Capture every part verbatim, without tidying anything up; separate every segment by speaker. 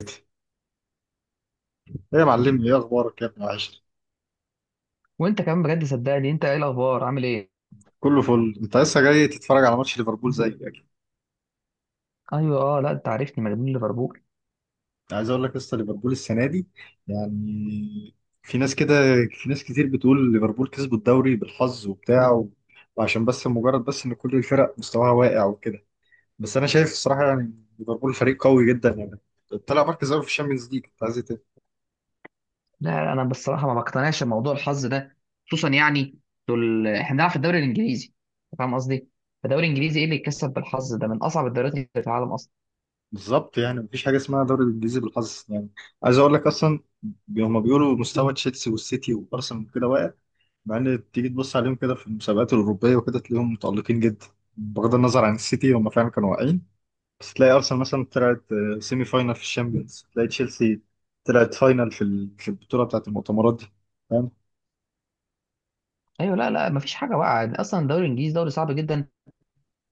Speaker 1: ايه يا معلمي، ايه اخبارك يا ابن العشر؟
Speaker 2: وانت كمان، بجد صدقني، انت ايه الاخبار؟ عامل ايه؟
Speaker 1: كله فل. انت لسه جاي تتفرج على ماتش ليفربول زي اكيد.
Speaker 2: ايوه. اه لا، انت عارفني مجنون ليفربول.
Speaker 1: عايز اقول لك، لسه ليفربول السنه دي، يعني، في ناس كده في ناس كتير بتقول ليفربول كسبوا الدوري بالحظ وبتاع و... وعشان بس مجرد بس ان كل الفرق مستواها واقع وكده. بس انا شايف الصراحه، يعني ليفربول فريق قوي جدا، يعني طلع مركز اول في الشامبيونز ليج، انت عايز إيه تاني؟
Speaker 2: لا انا بصراحه ما بقتنعش بموضوع الحظ ده. خصوصا يعني دول احنا بنلعب في الدوري الانجليزي، أنت فاهم قصدي. الدوري الانجليزي ايه اللي يتكسب بالحظ ده؟ من اصعب الدوريات اللي في العالم اصلا.
Speaker 1: بالظبط، يعني مفيش حاجه اسمها دوري الانجليزي بالحظ، يعني عايز اقول لك اصلا، هم بيقولوا مستوى تشيلسي والسيتي وارسنال وكده واقع، مع ان تيجي تبص عليهم كده في المسابقات الاوروبيه وكده تلاقيهم متالقين جدا. بغض النظر عن السيتي، هم فعلا كانوا واقعين، بس تلاقي ارسنال مثلا طلعت آه، سيمي فاينال في الشامبيونز، تلاقي تشيلسي طلعت فاينال في ال- في البطوله بتاعت المؤتمرات دي. فاهم؟
Speaker 2: ايوه. لا لا، ما فيش حاجه بقى اصلا، الدوري الانجليزي دوري صعب جدا.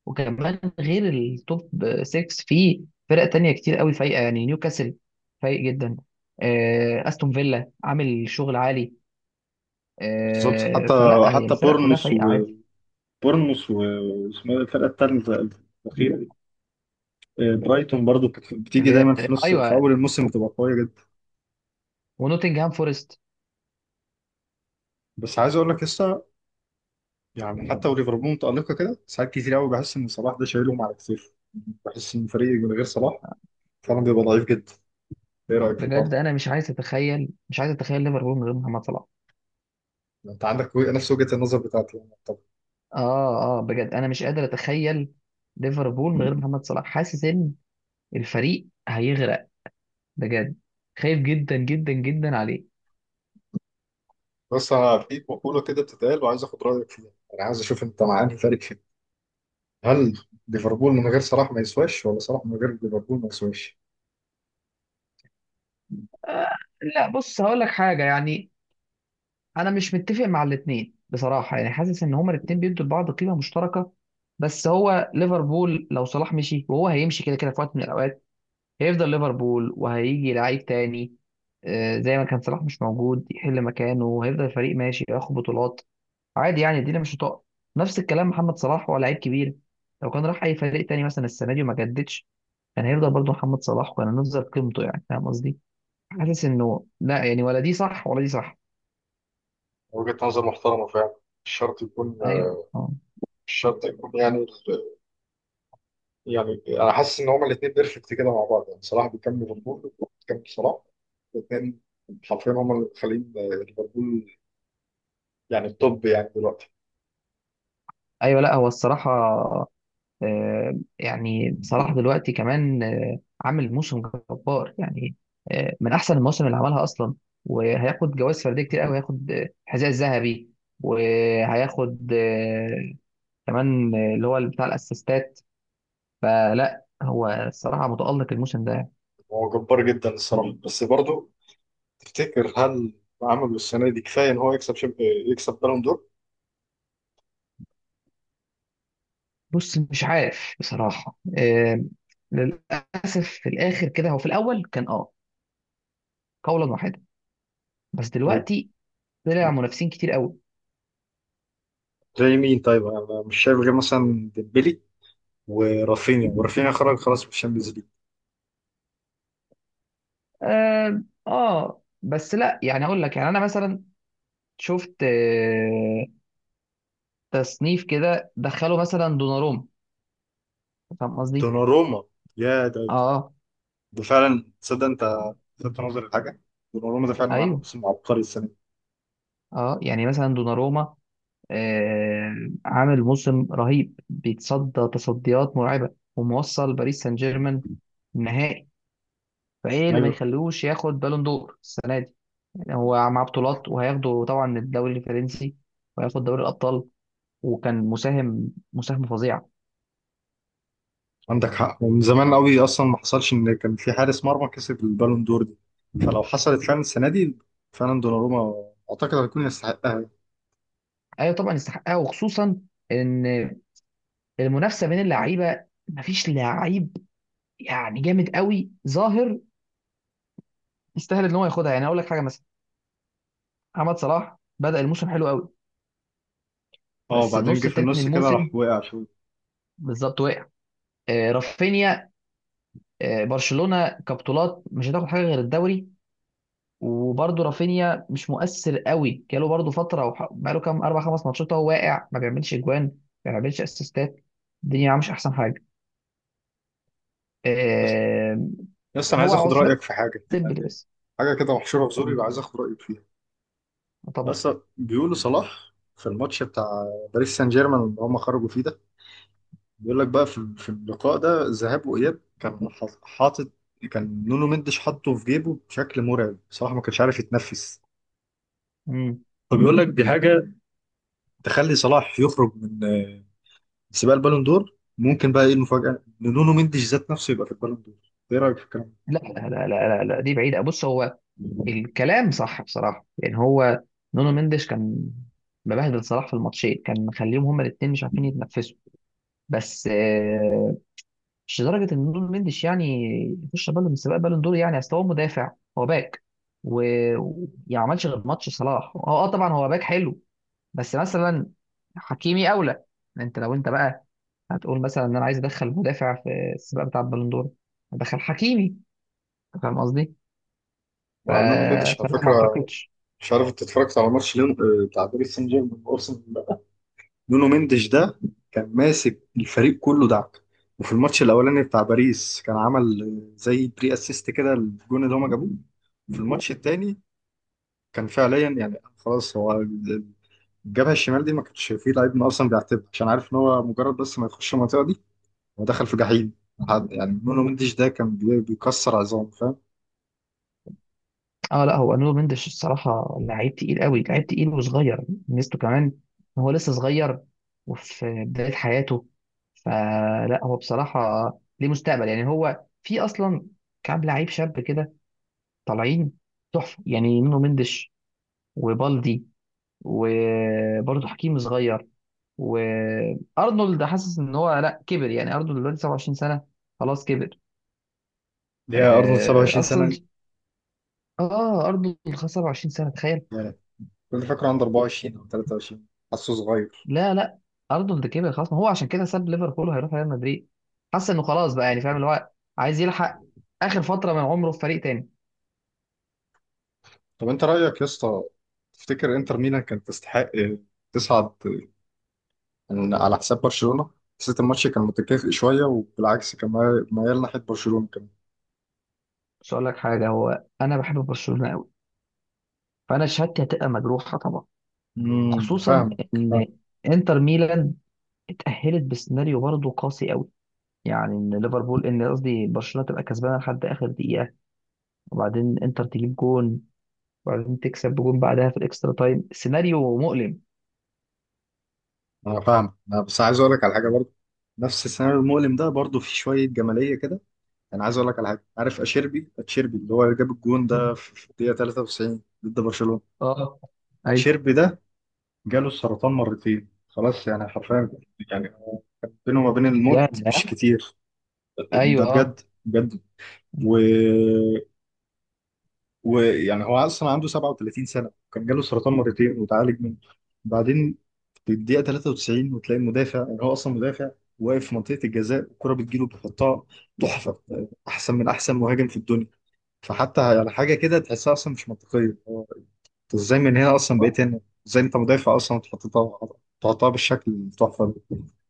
Speaker 2: وكمان غير التوب ستة، فيه فرق تانية كتير قوي فايقه، يعني نيوكاسل فايق جدا. آه، استون فيلا عامل شغل عالي.
Speaker 1: بالظبط،
Speaker 2: آه،
Speaker 1: حتى
Speaker 2: فلا، هي
Speaker 1: حتى
Speaker 2: الفرق كلها
Speaker 1: بورنموث.
Speaker 2: فايقه عادي.
Speaker 1: وبورنموث واسمها إيه الفرقه الثالثه الاخيره دي؟ آه، برايتون برضو كانت بتيجي
Speaker 2: اللي هي،
Speaker 1: دايما في نص، في
Speaker 2: ايوه،
Speaker 1: اول الموسم بتبقى قويه جدا.
Speaker 2: ونوتنجهام فورست.
Speaker 1: بس عايز اقول لك، لسه يعني حتى وليفربول متألقة كده ساعات كتير قوي. بحس إن صلاح ده شايلهم على كتير. بحس إن فريق من غير صلاح فعلا بيبقى ضعيف جدا. إيه رأيك في الحوار
Speaker 2: بجد
Speaker 1: ده؟
Speaker 2: انا مش عايز اتخيل مش عايز اتخيل ليفربول من غير محمد صلاح.
Speaker 1: يعني أنت عندك وجه- نفس وجهة النظر بتاعتي، يعني؟ طب،
Speaker 2: اه اه بجد انا مش قادر اتخيل ليفربول من غير محمد صلاح، حاسس ان الفريق هيغرق. بجد، خايف جدا جدا جدا عليه.
Speaker 1: بس أنا في مقولة كده بتتقال وعايز آخد رأيك فيها. أنا عايز أشوف أنت مع أنهي فريق فيهم، هل ليفربول من غير صلاح ما يسواش، ولا صلاح من غير ليفربول ما يسواش؟
Speaker 2: آه. لا بص، هقول لك حاجه يعني، انا مش متفق مع الاثنين بصراحه، يعني حاسس ان هما الاثنين بيدوا لبعض قيمه مشتركه. بس هو ليفربول لو صلاح مشي، وهو هيمشي كده كده في وقت من الاوقات، هيفضل ليفربول وهيجي لعيب تاني، آه، زي ما كان صلاح مش موجود يحل مكانه، وهيفضل الفريق ماشي ياخد بطولات عادي. يعني الدنيا مش هتقع. نفس الكلام محمد صلاح، هو لعيب كبير، لو كان راح اي فريق تاني مثلا السنه دي وما جددش، كان هيفضل برضه محمد صلاح، وكان هنفضل قيمته، يعني فاهم قصدي. حاسس انه لا يعني، ولا دي صح ولا دي صح.
Speaker 1: وجهة نظر محترمة فعلا. مش شرط يكون
Speaker 2: ايوه. آه.
Speaker 1: مش شرط يكون يعني، يعني انا حاسس ان هما الاثنين بيرفكت كده مع بعض، يعني صلاح بيكمل ليفربول، بيكمل صلاح. الاثنين حرفيا هما اللي مخلين ليفربول يعني التوب يعني دلوقتي.
Speaker 2: ايوه. لا هو الصراحه، آه، يعني صلاح دلوقتي كمان آه، عامل موسم جبار يعني، آه، من احسن المواسم اللي عملها اصلا. وهياخد جوائز فرديه كتير قوي، هياخد آه، الحذاء الذهبي، وهياخد آه، كمان آه، اللي هو بتاع الاسيستات. فلا هو الصراحه متالق الموسم ده.
Speaker 1: هو جبار جدا الصراحه، بس برضه تفتكر، هل عمله السنه دي كفايه ان هو يكسب شب... يكسب بالون دور؟
Speaker 2: بص مش عارف بصراحه، آه، للاسف في الاخر كده، هو في الاول كان اه قولا واحدا، بس دلوقتي طلع منافسين كتير قوي.
Speaker 1: وزي مين؟ طيب، انا مش شايف غير مثلا ديمبلي ورافينيا. ورافينيا خرج خلاص من الشامبيونز ليج.
Speaker 2: اه آه، بس لا، يعني اقول لك يعني، انا مثلا شفت آه، تصنيف كده، دخلوا مثلا دوناروما، فاهم قصدي.
Speaker 1: دوناروما، يا ده،
Speaker 2: اه.
Speaker 1: ده فعلا، تصدق انت لفت نظري لحاجه؟ دوناروما ده فعلا عامل
Speaker 2: ايوه.
Speaker 1: موسم عبقري السنه دي.
Speaker 2: اه يعني مثلا دوناروما آه، عامل موسم رهيب، بيتصدى تصديات مرعبه، وموصل باريس سان جيرمان نهائي. فايه اللي ما
Speaker 1: ايوه،
Speaker 2: يخليهوش ياخد بالون دور السنه دي؟ يعني هو مع بطولات، وهياخده طبعا الدوري الفرنسي، وهياخد دوري الابطال، وكان مساهم مساهمه فظيعه.
Speaker 1: عندك حق. ومن زمان قوي اصلا ما حصلش ان كان في حارس مرمى كسب البالون دور دي، فلو حصلت فعلا السنه دي، فعلا دوناروما اعتقد هيكون يستحقها.
Speaker 2: ايوه طبعا يستحقها. وخصوصا ان المنافسه بين اللعيبه، مفيش لعيب يعني جامد قوي ظاهر يستاهل ان هو ياخدها. يعني اقول لك حاجه، مثلا محمد صلاح بدأ الموسم حلو قوي،
Speaker 1: اه،
Speaker 2: بس
Speaker 1: وبعدين
Speaker 2: النص
Speaker 1: جه في
Speaker 2: التاني من
Speaker 1: النص كده
Speaker 2: الموسم
Speaker 1: راح وقع شويه.
Speaker 2: بالظبط وقع. آه، رافينيا، آه، برشلونه كبطولات مش هتاخد حاجه غير الدوري. وبرده رافينيا مش مؤثر قوي، جاله برده فتره، وح- بقاله كام، اربع خمس ماتشات هو واقع، ما بيعملش اجوان، ما بيعملش اسيستات، الدنيا معاه مش احسن حاجه.
Speaker 1: بس
Speaker 2: آه،
Speaker 1: بس انا
Speaker 2: هو
Speaker 1: عايز اخد
Speaker 2: عثمان
Speaker 1: رايك في حاجه،
Speaker 2: ديمبلي
Speaker 1: يعني
Speaker 2: بس.
Speaker 1: حاجه كده محشوره في زوري وعايز اخد رايك فيها.
Speaker 2: طبعا.
Speaker 1: بس بيقولوا صلاح في الماتش بتاع باريس سان جيرمان اللي هم خرجوا فيه ده، بيقول لك بقى في في اللقاء ده ذهاب واياب كان حاط- حاطط، كان نونو مندش حاطه في جيبه بشكل مرعب، صلاح ما كانش عارف يتنفس.
Speaker 2: مم.
Speaker 1: فبيقول لك دي حاجة تخلي صلاح يخرج من آه، سباق البالون دور. ممكن بقى ايه المفاجأة، ان نونو مندش ذات نفسه يبقى في البالون دور. ايه رأيك في الكلام
Speaker 2: لا لا لا لا لا، دي بعيدة. بص، هو
Speaker 1: ده؟
Speaker 2: الكلام صح بصراحة، يعني هو نونو مندش كان مبهدل صلاح في الماتشين، كان مخليهم هما الاثنين مش عارفين يتنفسوا. بس آه، مش لدرجة ان نونو مندش يعني يخش بالون من سباق بالون دور. يعني اصل هو مدافع، هو باك، وما عملش غير ماتش صلاح، هو اه طبعا هو باك حلو، بس مثلا حكيمي اولى. انت لو انت بقى هتقول مثلا ان انا عايز ادخل مدافع في السباق بتاع البالون دور، ادخل حكيمي، فاهم قصدي. ف...
Speaker 1: مع نونو مندش على
Speaker 2: فلا ما
Speaker 1: فكره.
Speaker 2: اعتقدش.
Speaker 1: مش عارف انت اتفرجت على ماتش ليون آه، بتاع باريس سان جيرمان وارسنال ولا لأ. نونو مندش ده كان ماسك الفريق كله دعك. وفي الماتش الاولاني بتاع باريس كان عمل آه، زي بري اسيست كده الجون اللي هما جابوه. في الماتش التاني كان فعليا، يعني خلاص، هو الجبهة الشمال دي ما كانش فيه لعيب من اصلا بيعتبر، عشان عارف ان هو مجرد بس ما يخش المنطقة دي هو دخل في جحيم. حد يعني نونو مندش ده كان بي- بيكسر عظام. فاهم؟
Speaker 2: اه لا هو نونو مندش الصراحه لعيب تقيل قوي، لعيب تقيل وصغير. ميزته كمان ان هو لسه صغير وفي بدايه حياته، فلا هو بصراحه ليه مستقبل. يعني هو في اصلا كام لعيب شاب كده طالعين تحفه، يعني نونو مندش، وبالدي، وبرضه حكيم صغير. وارنولد، حاسس ان هو لا كبر، يعني ارنولد دلوقتي سبعة وعشرين سنه، خلاص كبر.
Speaker 1: ليه يا ارنولد
Speaker 2: آه،
Speaker 1: سبعة وعشرين سنه
Speaker 2: اصلا
Speaker 1: دي؟
Speaker 2: اه ارنولد خلاص سبعة وعشرين سنه، تخيل.
Speaker 1: يعني كل فاكره عنده اربعة وعشرين او تلاتة وعشرين، حاسه صغير.
Speaker 2: لا لا، ارنولد كبر خلاص، ما هو عشان كده ساب ليفربول وهيروح ريال مدريد. حس انه خلاص بقى، يعني فاهم، اللي هو عايز يلحق اخر فتره من عمره في فريق تاني.
Speaker 1: طب انت رايك يا اسطى، تفتكر انتر ميلان كانت تستحق تصعد، يعني على حساب برشلونه؟ حسيت الماتش كان متكافئ شويه، وبالعكس كان مايل مايل ناحيه برشلونه كمان.
Speaker 2: بس اقول لك حاجه، هو انا بحب برشلونه قوي، فانا شهادتي هتبقى مجروحه طبعا.
Speaker 1: امم
Speaker 2: خصوصا
Speaker 1: فاهمك. فاهم.
Speaker 2: ان انتر ميلان اتاهلت بسيناريو برضه قاسي قوي، يعني ان ليفربول ان قصدي برشلونه تبقى كسبانه لحد اخر دقيقه، وبعدين انتر تجيب جون، وبعدين تكسب بجون بعدها في الاكسترا تايم. سيناريو مؤلم.
Speaker 1: انا فاهم. انا بس عايز اقول لك على حاجه برضه، نفس السيناريو المؤلم ده برضه في شويه جماليه كده. انا عايز اقول لك على حاجه. عارف اشيربي، اتشيربي اللي هو جاب الجون ده في في الدقيقه ثلاثة وتسعين ضد برشلونه؟
Speaker 2: اه
Speaker 1: اتشيربي ده جاله السرطان مرتين، خلاص، يعني حرفيا، يعني بينه وما بين الموت
Speaker 2: يعني.
Speaker 1: مش كتير. ده
Speaker 2: ايوه. اه.
Speaker 1: بجد بجد. و... ويعني هو اصلا عنده سبعة وثلاثين سنه، كان جاله سرطان مرتين وتعالج منه، بعدين في الدقيقه تلاتة وتسعين وتلاقي المدافع، يعني هو اصلا مدافع، واقف في منطقه الجزاء، الكره بتجيله بيحطها تحفه، احسن من احسن مهاجم في الدنيا. فحتى يعني حاجه كده تحسها اصلا مش منطقيه. هو انت ازاي من هنا اصلا بقيت هنا؟ ازاي انت مدافع اصلا وتحطها، تحطها بالشكل التحفه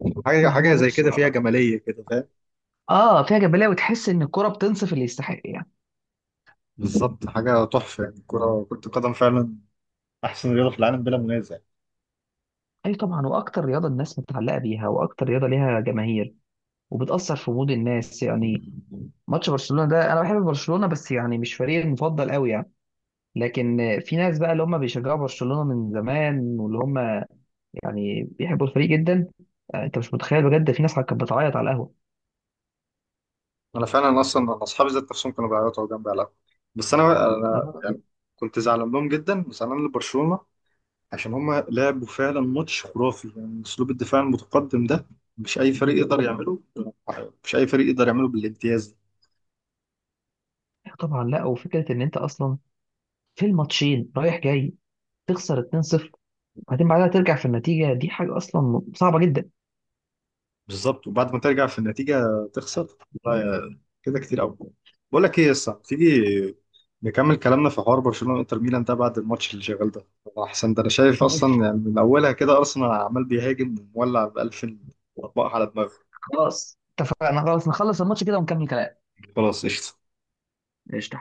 Speaker 1: ده؟ حاجه،
Speaker 2: ما هو
Speaker 1: حاجه زي
Speaker 2: بص،
Speaker 1: كده فيها جماليه كده. فاهم؟
Speaker 2: اه فيها جبليه، وتحس ان الكره بتنصف اللي يستحق يعني.
Speaker 1: بالظبط. حاجه تحفه، يعني الكره، كره القدم فعلا احسن رياضه في العالم بلا منازع.
Speaker 2: اي طبعا، واكتر رياضه الناس متعلقه بيها، واكتر رياضه ليها جماهير، وبتاثر في مود الناس يعني. ماتش برشلونه ده، انا بحب برشلونه بس يعني مش فريقي المفضل قوي يعني، لكن في ناس بقى اللي هم بيشجعوا برشلونه من زمان، واللي هم يعني بيحبوا الفريق جدا. آه، انت مش متخيل بجد، في ناس كانت بتعيط على القهوه.
Speaker 1: انا فعلا اصلا أنا اصحابي ذات نفسهم كانوا بيعيطوا جنبي على القهوة. بس انا انا
Speaker 2: آه،
Speaker 1: يعني كنت زعلان لهم جدا وزعلان لبرشلونه، عشان هم لعبوا فعلا ماتش خرافي. يعني اسلوب الدفاع المتقدم ده مش اي فريق يقدر يعمله، مش اي فريق يقدر يعمله بالامتياز.
Speaker 2: طبعا. لا، وفكره ان انت اصلا في الماتشين رايح جاي تخسر اتنين صفر، بعدين بعدها ترجع في النتيجة، دي حاجة أصلا صعبة جدا.
Speaker 1: بالظبط، وبعد ما ترجع في النتيجه تخسر، لا يا- كده كتير قوي. بقول لك ايه يا اسطى، تيجي نكمل كلامنا في حوار برشلونه وانتر ميلان ده بعد الماتش اللي شغال ده؟ احسن ده انا شايف
Speaker 2: ماشي.
Speaker 1: اصلا يعني من اولها كده ارسنال عمال بيهاجم ومولع ب ألفين اطباق على دماغه.
Speaker 2: خلاص اتفقنا، خلاص نخلص الماتش كده ونكمل كلام.
Speaker 1: خلاص قشطه.
Speaker 2: قشطة.